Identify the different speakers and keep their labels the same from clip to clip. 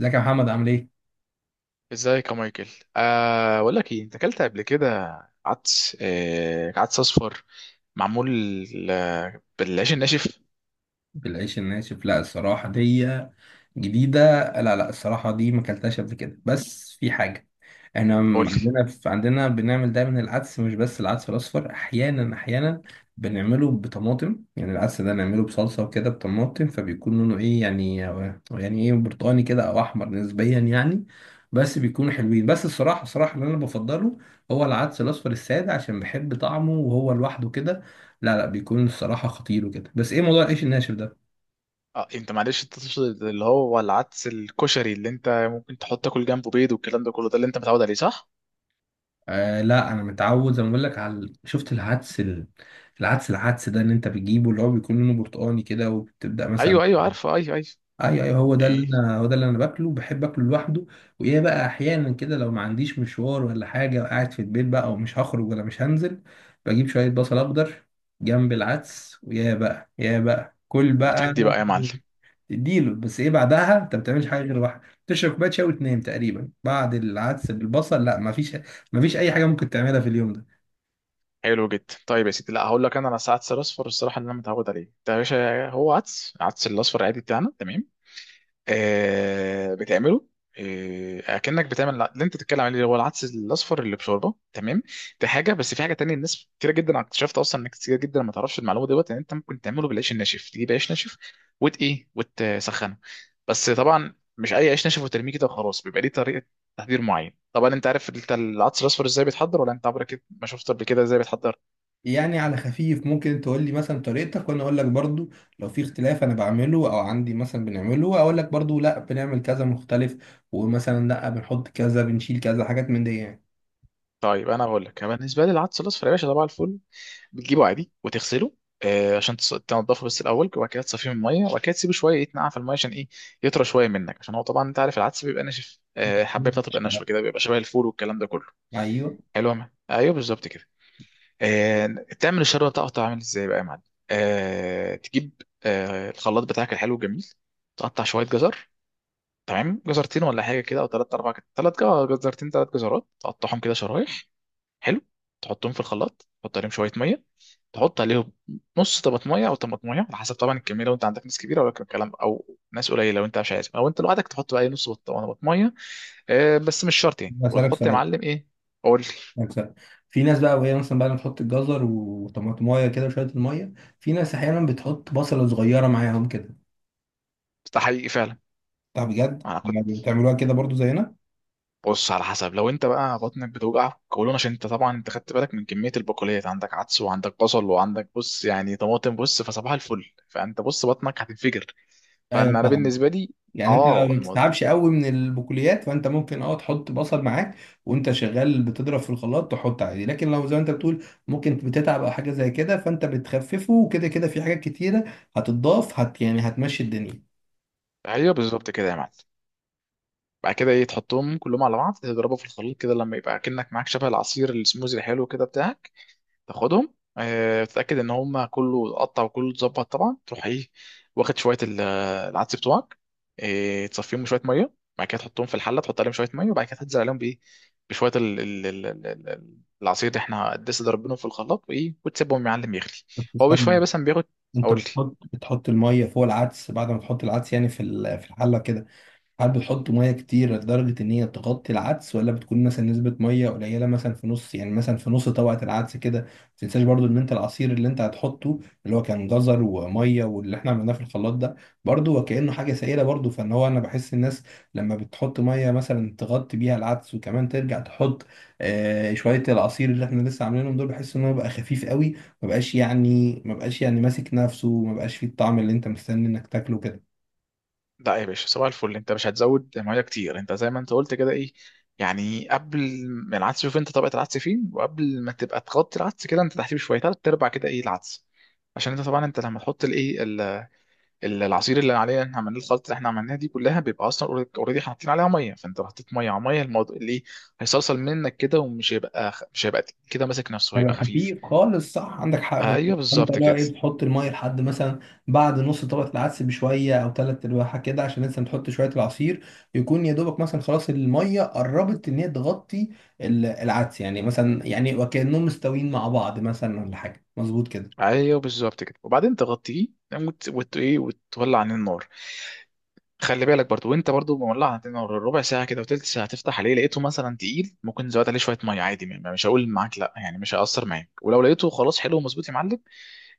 Speaker 1: ازيك يا محمد عامل ايه؟
Speaker 2: ازيك يا مايكل؟ بقول لك ايه، انت اكلت قبل كده؟ عدس اصفر. معمول. آه، بالعيش الناشف.
Speaker 1: بالعيش الناشف، لا الصراحة دي جديدة. لا لا، الصراحة دي ما اكلتهاش قبل كده، بس في حاجة، احنا
Speaker 2: قول لي.
Speaker 1: عندنا، عندنا بنعمل دايما العدس، مش بس العدس الأصفر. أحيانا أحيانا بنعمله بطماطم، يعني العدس ده نعمله بصلصة وكده بطماطم، فبيكون لونه ايه يعني، يعني ايه، برتقاني كده أو أحمر نسبيا يعني. بس بيكونوا حلوين. بس الصراحة اللي أنا بفضله هو العدس الأصفر السادة، عشان بحب طعمه وهو لوحده كده. لا لا، بيكون الصراحة خطير وكده. بس ايه موضوع العيش الناشف ده؟
Speaker 2: اه انت معلش، انت تقصد اللي هو العدس الكشري، اللي انت ممكن تحط تاكل جنبه بيض والكلام ده كله، ده اللي انت متعود عليه، صح؟
Speaker 1: آه لا، انا متعود زي ما بقول لك على، شفت العدس العدس ده ان انت بتجيبه، اللي هو بيكون لونه برتقاني كده وبتبدأ مثلا.
Speaker 2: ايوه، ايوه، عارفه، ايوه، ايوه.
Speaker 1: ايوه ايوه،
Speaker 2: ايه،
Speaker 1: هو ده اللي انا باكله، بحب اكله لوحده. وايه بقى، احيانا كده لو ما عنديش مشوار ولا حاجة وقاعد في البيت بقى ومش هخرج ولا مش هنزل، بجيب شوية بصل اخضر جنب العدس، ويا بقى يا بقى كل بقى.
Speaker 2: وتدي بقى يا معلم.
Speaker 1: اديله. بس ايه، بعدها انت ما بتعملش حاجه غير واحد، تشرب كوبايه شاي وتنام تقريبا. بعد العدس بالبصل، لا ما فيش، ما فيش اي حاجه ممكن تعملها في اليوم ده.
Speaker 2: حلو جدا. طيب يا سيدي، لا هقول لك، انا على عدس الاصفر، الصراحه اللي انا متعود عليه ده يا باشا هو عدس الاصفر عادي بتاعنا، تمام. آه، بتعمله. آه، اكنك بتعمل اللي انت بتتكلم عليه، اللي هو العدس الاصفر اللي بشوربه، تمام. دي حاجه. بس في حاجه تانية، الناس كتير جدا اكتشفت اصلا انك كتير جدا ما تعرفش المعلومه دوت، ان انت ممكن تعمله بالعيش الناشف. تجيب عيش ناشف وت ايه وتسخنه. بس طبعا مش اي عيش ناشف وترميه كده وخلاص، بيبقى ليه طريقه تحضير معين. طبعا انت عارف، انت العدس الاصفر ازاي بيتحضر ولا انت عمرك ما شفت قبل كده ازاي بيتحضر؟
Speaker 1: يعني على خفيف ممكن تقول لي مثلا طريقتك، وانا اقول لك برضو لو في اختلاف. انا بعمله او عندي مثلا بنعمله، اقول لك برضو لا، بنعمل كذا مختلف، ومثلا لا بنحط كذا بنشيل كذا، حاجات من دي يعني.
Speaker 2: طيب، انا بقول لك، بالنسبه لي العدس الاصفر يا باشا، طبعا الفل. بتجيبه عادي وتغسله. آه، عشان تنضفه بس الاول، وبعد كده تصفيه من الميه، وبعد كده تسيبه شويه يتنقع في الميه، عشان ايه؟ يطرى شويه منك، عشان هو طبعا انت عارف العدس بيبقى ناشف، الحبايه بتاعته
Speaker 1: مش
Speaker 2: بتبقى
Speaker 1: بعرف.
Speaker 2: ناشفه كده، بيبقى شبه الفول والكلام ده كله.
Speaker 1: ايوه.
Speaker 2: حلو يا مان؟ ايوه، بالظبط كده. آه، تعمل الشوربه بتاعته. عامل ازاي بقى يا معلم؟ آه، تجيب الخلاط بتاعك الحلو الجميل. تقطع شويه جزر. تمام، جزرتين ولا حاجه كده، او ثلاث، اربع، ثلاث جزرتين، ثلاث جزرات، تقطعهم كده شرايح. حلو. تحطهم في الخلاط، تحط عليهم شويه ميه. تحط عليهم نص طماطمية او طماطمية، على حسب طبعا الكمية. لو انت عندك ناس كبيرة ولا الكلام، او ناس قليلة لو انت مش عايز، او انت لوحدك، تحط بقى إيه، نص طماطمية. آه، بس مش شرط يعني.
Speaker 1: هسألك
Speaker 2: وتحط يا
Speaker 1: سؤال
Speaker 2: معلم ايه. قول لي.
Speaker 1: هسألك سؤال، في ناس بقى وهي مثلا بقى بتحط الجزر وطماطمايه كده وشويه الميه. في ناس احيانا بتحط بصله صغيره معاهم كده.
Speaker 2: ده حقيقي فعلا.
Speaker 1: طب بجد
Speaker 2: انا كنت.
Speaker 1: يعني بتعملوها كده برضو زينا؟
Speaker 2: بص، على حسب. لو انت بقى بطنك بتوجعك قولون، عشان انت طبعا، انت خدت بالك من كمية البقوليات، عندك عدس وعندك بصل وعندك بص يعني طماطم، بص، فصباح الفل، فانت بص بطنك هتنفجر.
Speaker 1: ايوه
Speaker 2: فانا
Speaker 1: فاهم.
Speaker 2: بالنسبة لي.
Speaker 1: يعني انت ما
Speaker 2: اه، الموضوع.
Speaker 1: بتتعبش قوي من البقوليات، فانت ممكن اه تحط بصل معاك وانت شغال بتضرب في الخلاط، تحط عادي. لكن لو زي ما انت بتقول ممكن بتتعب او حاجه زي كده، فانت بتخففه وكده كده في حاجات كتيره هتتضاف، يعني هتمشي الدنيا.
Speaker 2: ايوه، بالظبط كده يا معلم. بعد كده، ايه، تحطهم كلهم على بعض، تضربه في الخليط كده لما يبقى كأنك معاك شبه العصير السموزي الحلو كده بتاعك. تاخدهم، تتأكد ان هما كله اتقطع وكله اتظبط، طبعا تروح ايه. واخد شوية العدس بتوعك. آه، تصفيهم شوية مية، بعد كده تحطهم في الحلة، تحط عليهم شوية مية، وبعد كده تنزل عليهم بايه. بشوية العصير اللي احنا لسه ضربينه في الخلاط، وايه، وتسيبهم يا معلم يغلي.
Speaker 1: بس
Speaker 2: هو بشوية،
Speaker 1: استنى،
Speaker 2: بس بياخد.
Speaker 1: انت
Speaker 2: اقول لي.
Speaker 1: بتحط الميه فوق العدس بعد ما تحط العدس، يعني في الحله كده. هل بتحطوا ميه كتير لدرجه ان هي تغطي العدس، ولا بتكون مثلا نسبه ميه قليله، مثلا في نص طبقه العدس كده؟ ما تنساش برضو ان انت العصير اللي انت هتحطه، اللي هو كان جزر وميه واللي احنا عملناه في الخلاط ده، برضو وكانه حاجه سائله برضو، فان هو انا بحس الناس لما بتحط ميه مثلا تغطي بيها العدس وكمان ترجع تحط شويه العصير اللي احنا لسه عاملينهم دول، بحس ان هو بقى خفيف قوي. ما بقاش يعني ماسك نفسه، ما بقاش فيه الطعم اللي انت مستني انك تاكله كده.
Speaker 2: لا يا باشا، صباح الفل. انت مش هتزود ميه كتير. انت زي ما انت قلت كده، ايه. يعني قبل ما العدس، شوف انت طبقه العدس فين، وقبل ما تبقى تغطي العدس كده انت تحتيه شويه، تلات ارباع كده ايه العدس. عشان انت طبعا انت لما تحط العصير اللي عليه احنا عملناه، الخلطه اللي احنا عملناها دي كلها، بيبقى اصلا اوريدي حاطين عليها ميه، فانت لو حطيت ميه على ميه، الموضوع اللي ايه. هيصلصل منك كده، ومش هيبقى خ- مش هيبقى تقيل كده ماسك نفسه،
Speaker 1: هيبقى
Speaker 2: هيبقى خفيف.
Speaker 1: خفيف خالص، صح عندك حق بالظبط.
Speaker 2: ايوه،
Speaker 1: فانت
Speaker 2: بالظبط
Speaker 1: لا
Speaker 2: كده.
Speaker 1: ايه، بتحط الميه لحد مثلا بعد نص طبقه العدس بشويه او ثلاث ارباعها كده، عشان لسه بتحط شويه العصير، يكون يا دوبك مثلا خلاص الميه قربت ان هي تغطي العدس، يعني مثلا يعني وكانهم مستويين مع بعض مثلا ولا حاجه مظبوط كده.
Speaker 2: ايوه، بالظبط كده، وبعدين تغطيه وت... وت... ايه وتولع عن النار. خلي بالك برضو. وانت برضو مولع، انت ربع ساعه كده وتلت ساعه تفتح عليه، لقيته مثلا تقيل ممكن تزود عليه شويه ميه عادي، مش هقول معاك لا يعني، مش هيأثر معاك. ولو لقيته خلاص حلو ومظبوط يا معلم،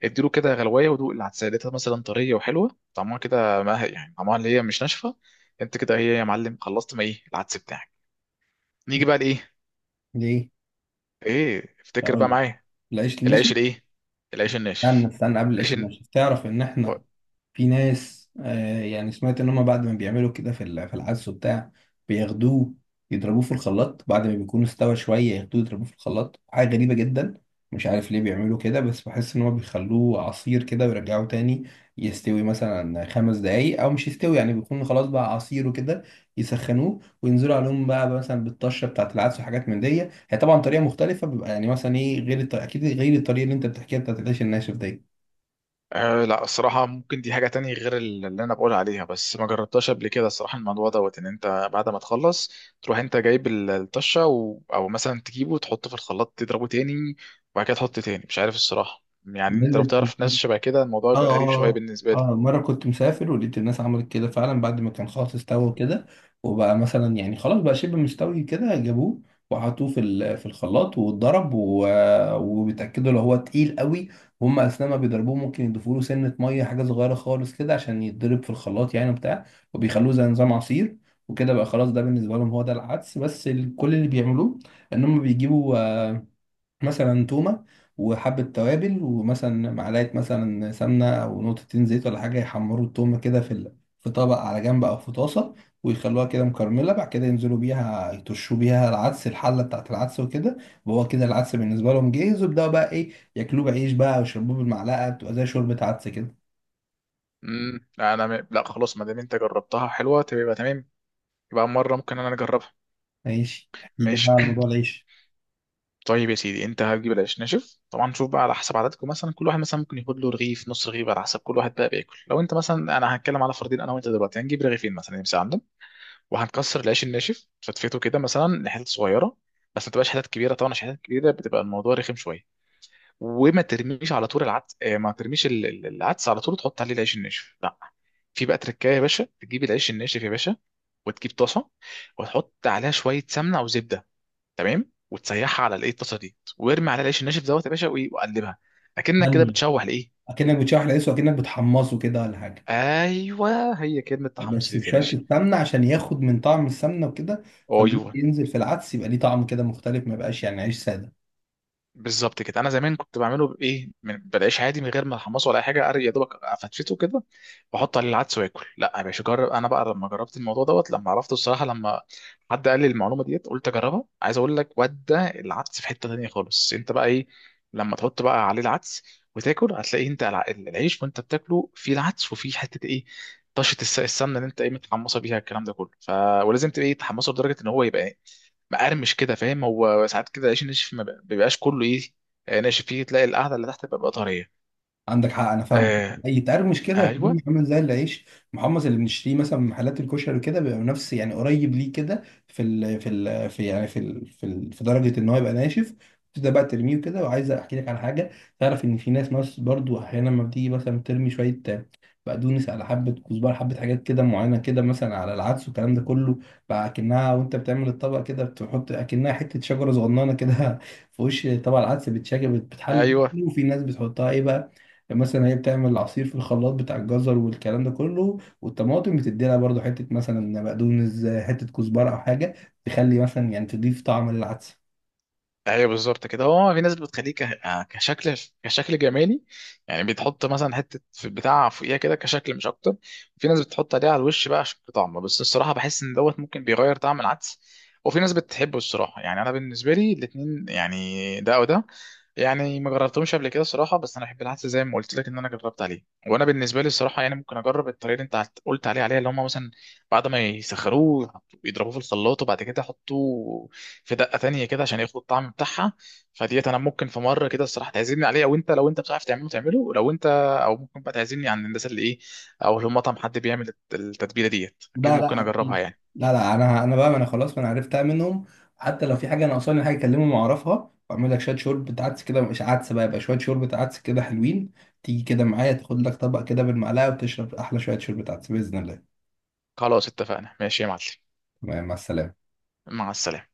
Speaker 2: اديله كده غلوايه، ودوق العدسه، لقيتها مثلا طريه وحلوه طعمها كده، ما هي يعني طعمها اللي هي مش ناشفه. انت كده هي يا معلم، خلصت ما ايه العدس بتاعك. نيجي بقى لايه؟
Speaker 1: ليه؟
Speaker 2: ايه، افتكر بقى
Speaker 1: اقول
Speaker 2: معايا.
Speaker 1: العيش
Speaker 2: العيش
Speaker 1: المشي.
Speaker 2: الايه؟ العيش
Speaker 1: استنى
Speaker 2: الناشف.
Speaker 1: استنى، قبل
Speaker 2: العيش.
Speaker 1: العيش المشي، تعرف ان احنا في ناس يعني سمعت ان هم بعد ما بيعملوا كده في العدس وبتاع، بياخدوه يضربوه في الخلاط بعد ما بيكون استوى شويه، ياخدوه يضربوه في الخلاط. حاجه غريبه جدا، مش عارف ليه بيعملوا كده، بس بحس ان هو بيخلوه عصير كده ويرجعوه تاني يستوي مثلا خمس دقايق، او مش يستوي يعني بيكون خلاص بقى عصير وكده يسخنوه وينزلوا عليهم بقى مثلا بالطشه بتاعت العدس وحاجات من دي. هي طبعا طريقه مختلفه، بيبقى يعني مثلا ايه، غير اكيد غير الطريقه اللي انت بتحكيها بتاعت العيش الناشف دي.
Speaker 2: أه لا، الصراحة ممكن دي حاجة تانية غير اللي أنا بقول عليها، بس ما جربتهاش قبل كده الصراحة. الموضوع دوت إن أنت بعد ما تخلص، تروح أنت جايب الطشة، أو مثلا تجيبه وتحطه في الخلاط تضربه تاني. وبعد كده تحط تاني، مش عارف الصراحة يعني. أنت لو
Speaker 1: الناس،
Speaker 2: تعرف ناس شبه كده الموضوع
Speaker 1: اه
Speaker 2: يبقى غريب شوية
Speaker 1: اه
Speaker 2: بالنسبة لي.
Speaker 1: اه مرة كنت مسافر ولقيت الناس عملت كده فعلا، بعد ما كان خلاص استوى كده وبقى مثلا يعني خلاص بقى شبه مستوي كده، جابوه وحطوه في الخلاط واتضرب، وبيتأكدوا لو هو تقيل قوي وهم اثناء ما بيضربوه ممكن يضيفوا له سنة مية حاجة صغيرة خالص كده عشان يتضرب في الخلاط يعني وبتاع، وبيخلوه زي نظام عصير وكده بقى خلاص. ده بالنسبة لهم هو ده العدس. بس كل اللي بيعملوه ان هم بيجيبوا مثلا تومة وحبة توابل ومثلا معلقة مثلا سمنة أو نقطتين زيت ولا حاجة، يحمروا التومة كده في طبق على جنب أو في طاسة، ويخلوها كده مكرملة. بعد كده ينزلوا بيها يطشوا بيها العدس الحلة بتاعت العدس وكده، وهو كده العدس بالنسبة لهم جاهز. ويبدأوا بقى إيه، ياكلوه بعيش بقى ويشربوه بالمعلقة بتبقى زي شوربة عدس كده.
Speaker 2: لا، أنا لا خلاص. ما دام أنت جربتها حلوة تبقى تمام. يبقى مرة ممكن أنا أجربها.
Speaker 1: ماشي، احكي لي بقى
Speaker 2: ماشي.
Speaker 1: على موضوع العيش.
Speaker 2: طيب يا سيدي، انت هتجيب العيش ناشف طبعا. شوف بقى على حسب عددكم، مثلا كل واحد مثلا ممكن ياخد له رغيف، نص رغيف، على حسب كل واحد بقى بياكل. لو انت مثلا، انا هتكلم على فردين انا وانت دلوقتي، هنجيب رغيفين مثلا يمسك عندهم. وهنكسر العيش الناشف، فتفيته كده مثلا لحتت صغيره. بس ما تبقاش حتت كبيره طبعا، عشان حتت كبيره بتبقى الموضوع رخم شويه. وما ترميش على طول العدس، ما ترميش العدس على طول تحط عليه العيش الناشف، لا. في بقى تركايه يا باشا، تجيب العيش الناشف يا باشا. وتجيب طاسه. وتحط عليها شويه سمنه او زبده. تمام. وتسيحها على الطاسه دي، وارمي عليها العيش الناشف دوت يا باشا، وقلبها. اكنك كده
Speaker 1: بامية،
Speaker 2: بتشوح لايه.
Speaker 1: أكنك بتشوح العيش وأكنك بتحمصه كده ولا حاجة؟
Speaker 2: ايوه، هي كلمه تحمص
Speaker 1: بس
Speaker 2: دي يا
Speaker 1: بشوية
Speaker 2: باشا.
Speaker 1: السمنة عشان ياخد من طعم السمنة وكده، فاللي
Speaker 2: ايوه،
Speaker 1: ينزل في العدس يبقى ليه طعم كده مختلف، ما يبقاش يعني عيش سادة.
Speaker 2: بالظبط كده. انا زمان كنت بعمله بايه من بالعيش عادي، من غير ما احمصه ولا اي حاجه، يا دوبك افتفته كده، واحط عليه العدس واكل. لا يا باشا، جرب. انا بقى لما جربت الموضوع دوت، لما عرفته الصراحه، لما حد قال لي المعلومه ديت، قلت اجربها. عايز اقول لك، ودى العدس في حته تانيه خالص. انت بقى ايه، لما تحط بقى عليه العدس وتاكل، هتلاقي انت العيش، وانت بتاكله فيه العدس وفيه حته ايه، طشه السمنه اللي انت متحمصه بيها، الكلام ده كله ولازم تبقى تحمصه لدرجه ان هو يبقى مقرمش كده، فاهم. هو ساعات كده العيش الناشف ما بيبقاش كله ايه، آه، ناشف، فيه تلاقي القعده اللي تحت بتبقى طريه.
Speaker 1: عندك حق انا فاهم.
Speaker 2: آه.
Speaker 1: يتقرمش كده وتلاقيه
Speaker 2: ايوه.
Speaker 1: عامل زي العيش محمص اللي بنشتريه مثلا من محلات الكشري كده، بيبقى نفس يعني قريب ليه كده في درجه ان هو يبقى ناشف. تبدا بقى ترميه كده. وعايز احكي لك على حاجه، تعرف ان في ناس، برضو احيانا لما بتيجي مثلا ترمي شويه بقدونس على حبه كزبره، حبه حاجات كده معينه كده مثلا على العدس والكلام ده كله، بقى اكنها وانت بتعمل الطبق كده، بتحط اكنها حته شجره صغننه كده في وش طبق العدس، بتشكل بتحل
Speaker 2: ايوه،
Speaker 1: شكله، وفي ناس بتحطها ايه بقى، يعني مثلا هي بتعمل العصير في الخلاط بتاع الجزر والكلام ده كله والطماطم، بتدي لها برضه حته مثلا بقدونس، حته كزبره او حاجه، تخلي مثلا يعني تضيف طعم للعدس.
Speaker 2: ايوه، بالظبط كده. هو في ناس بتخليه كشكل، كشكل جمالي. يعني بتحط مثلا حته في بتاع فوقيها كده كشكل، مش اكتر. في ناس بتحط عليه على الوش بقى عشان طعمه، بس الصراحه بحس ان دوت ممكن بيغير طعم العدس. وفي ناس بتحبه الصراحه. يعني انا بالنسبه لي الاتنين يعني، ده او ده. يعني ما جربتهمش قبل كده الصراحه. بس انا احب العدس زي ما قلت لك ان انا جربت عليه. وانا بالنسبه لي الصراحه يعني ممكن اجرب الطريقه اللي انت قلت عليها، اللي هم مثلا بعد ما يسخروه، يضربوه في الخلاط، وبعد كده يحطوه في دقه تانية كده عشان ياخدوا الطعم بتاعها. فديت انا ممكن في مره كده الصراحه تعزمني عليه، او انت لو انت بتعرف تعمله تعمله، لو انت، او ممكن بقى تعزمني عند الناس اللي ايه، او لو مطعم حد بيعمل التتبيله ديت، اكيد
Speaker 1: لا
Speaker 2: ممكن
Speaker 1: لا
Speaker 2: اجربها
Speaker 1: اكيد،
Speaker 2: يعني.
Speaker 1: لا لا انا بقى، ما انا خلاص، ما انا عرفتها منهم. حتى لو في حاجه ناقصاني حاجه، اكلمهم واعرفها، واعمل لك شويه شوربه عدس كده، مش عدس بقى يبقى، شويه شوربه عدس كده حلوين، تيجي كده معايا تاخد لك طبق كده بالمعلقه وتشرب احلى شويه شوربه عدس باذن الله.
Speaker 2: خلاص، اتفقنا. ماشي يا معلم.
Speaker 1: تمام، مع السلامه.
Speaker 2: مع السلامه.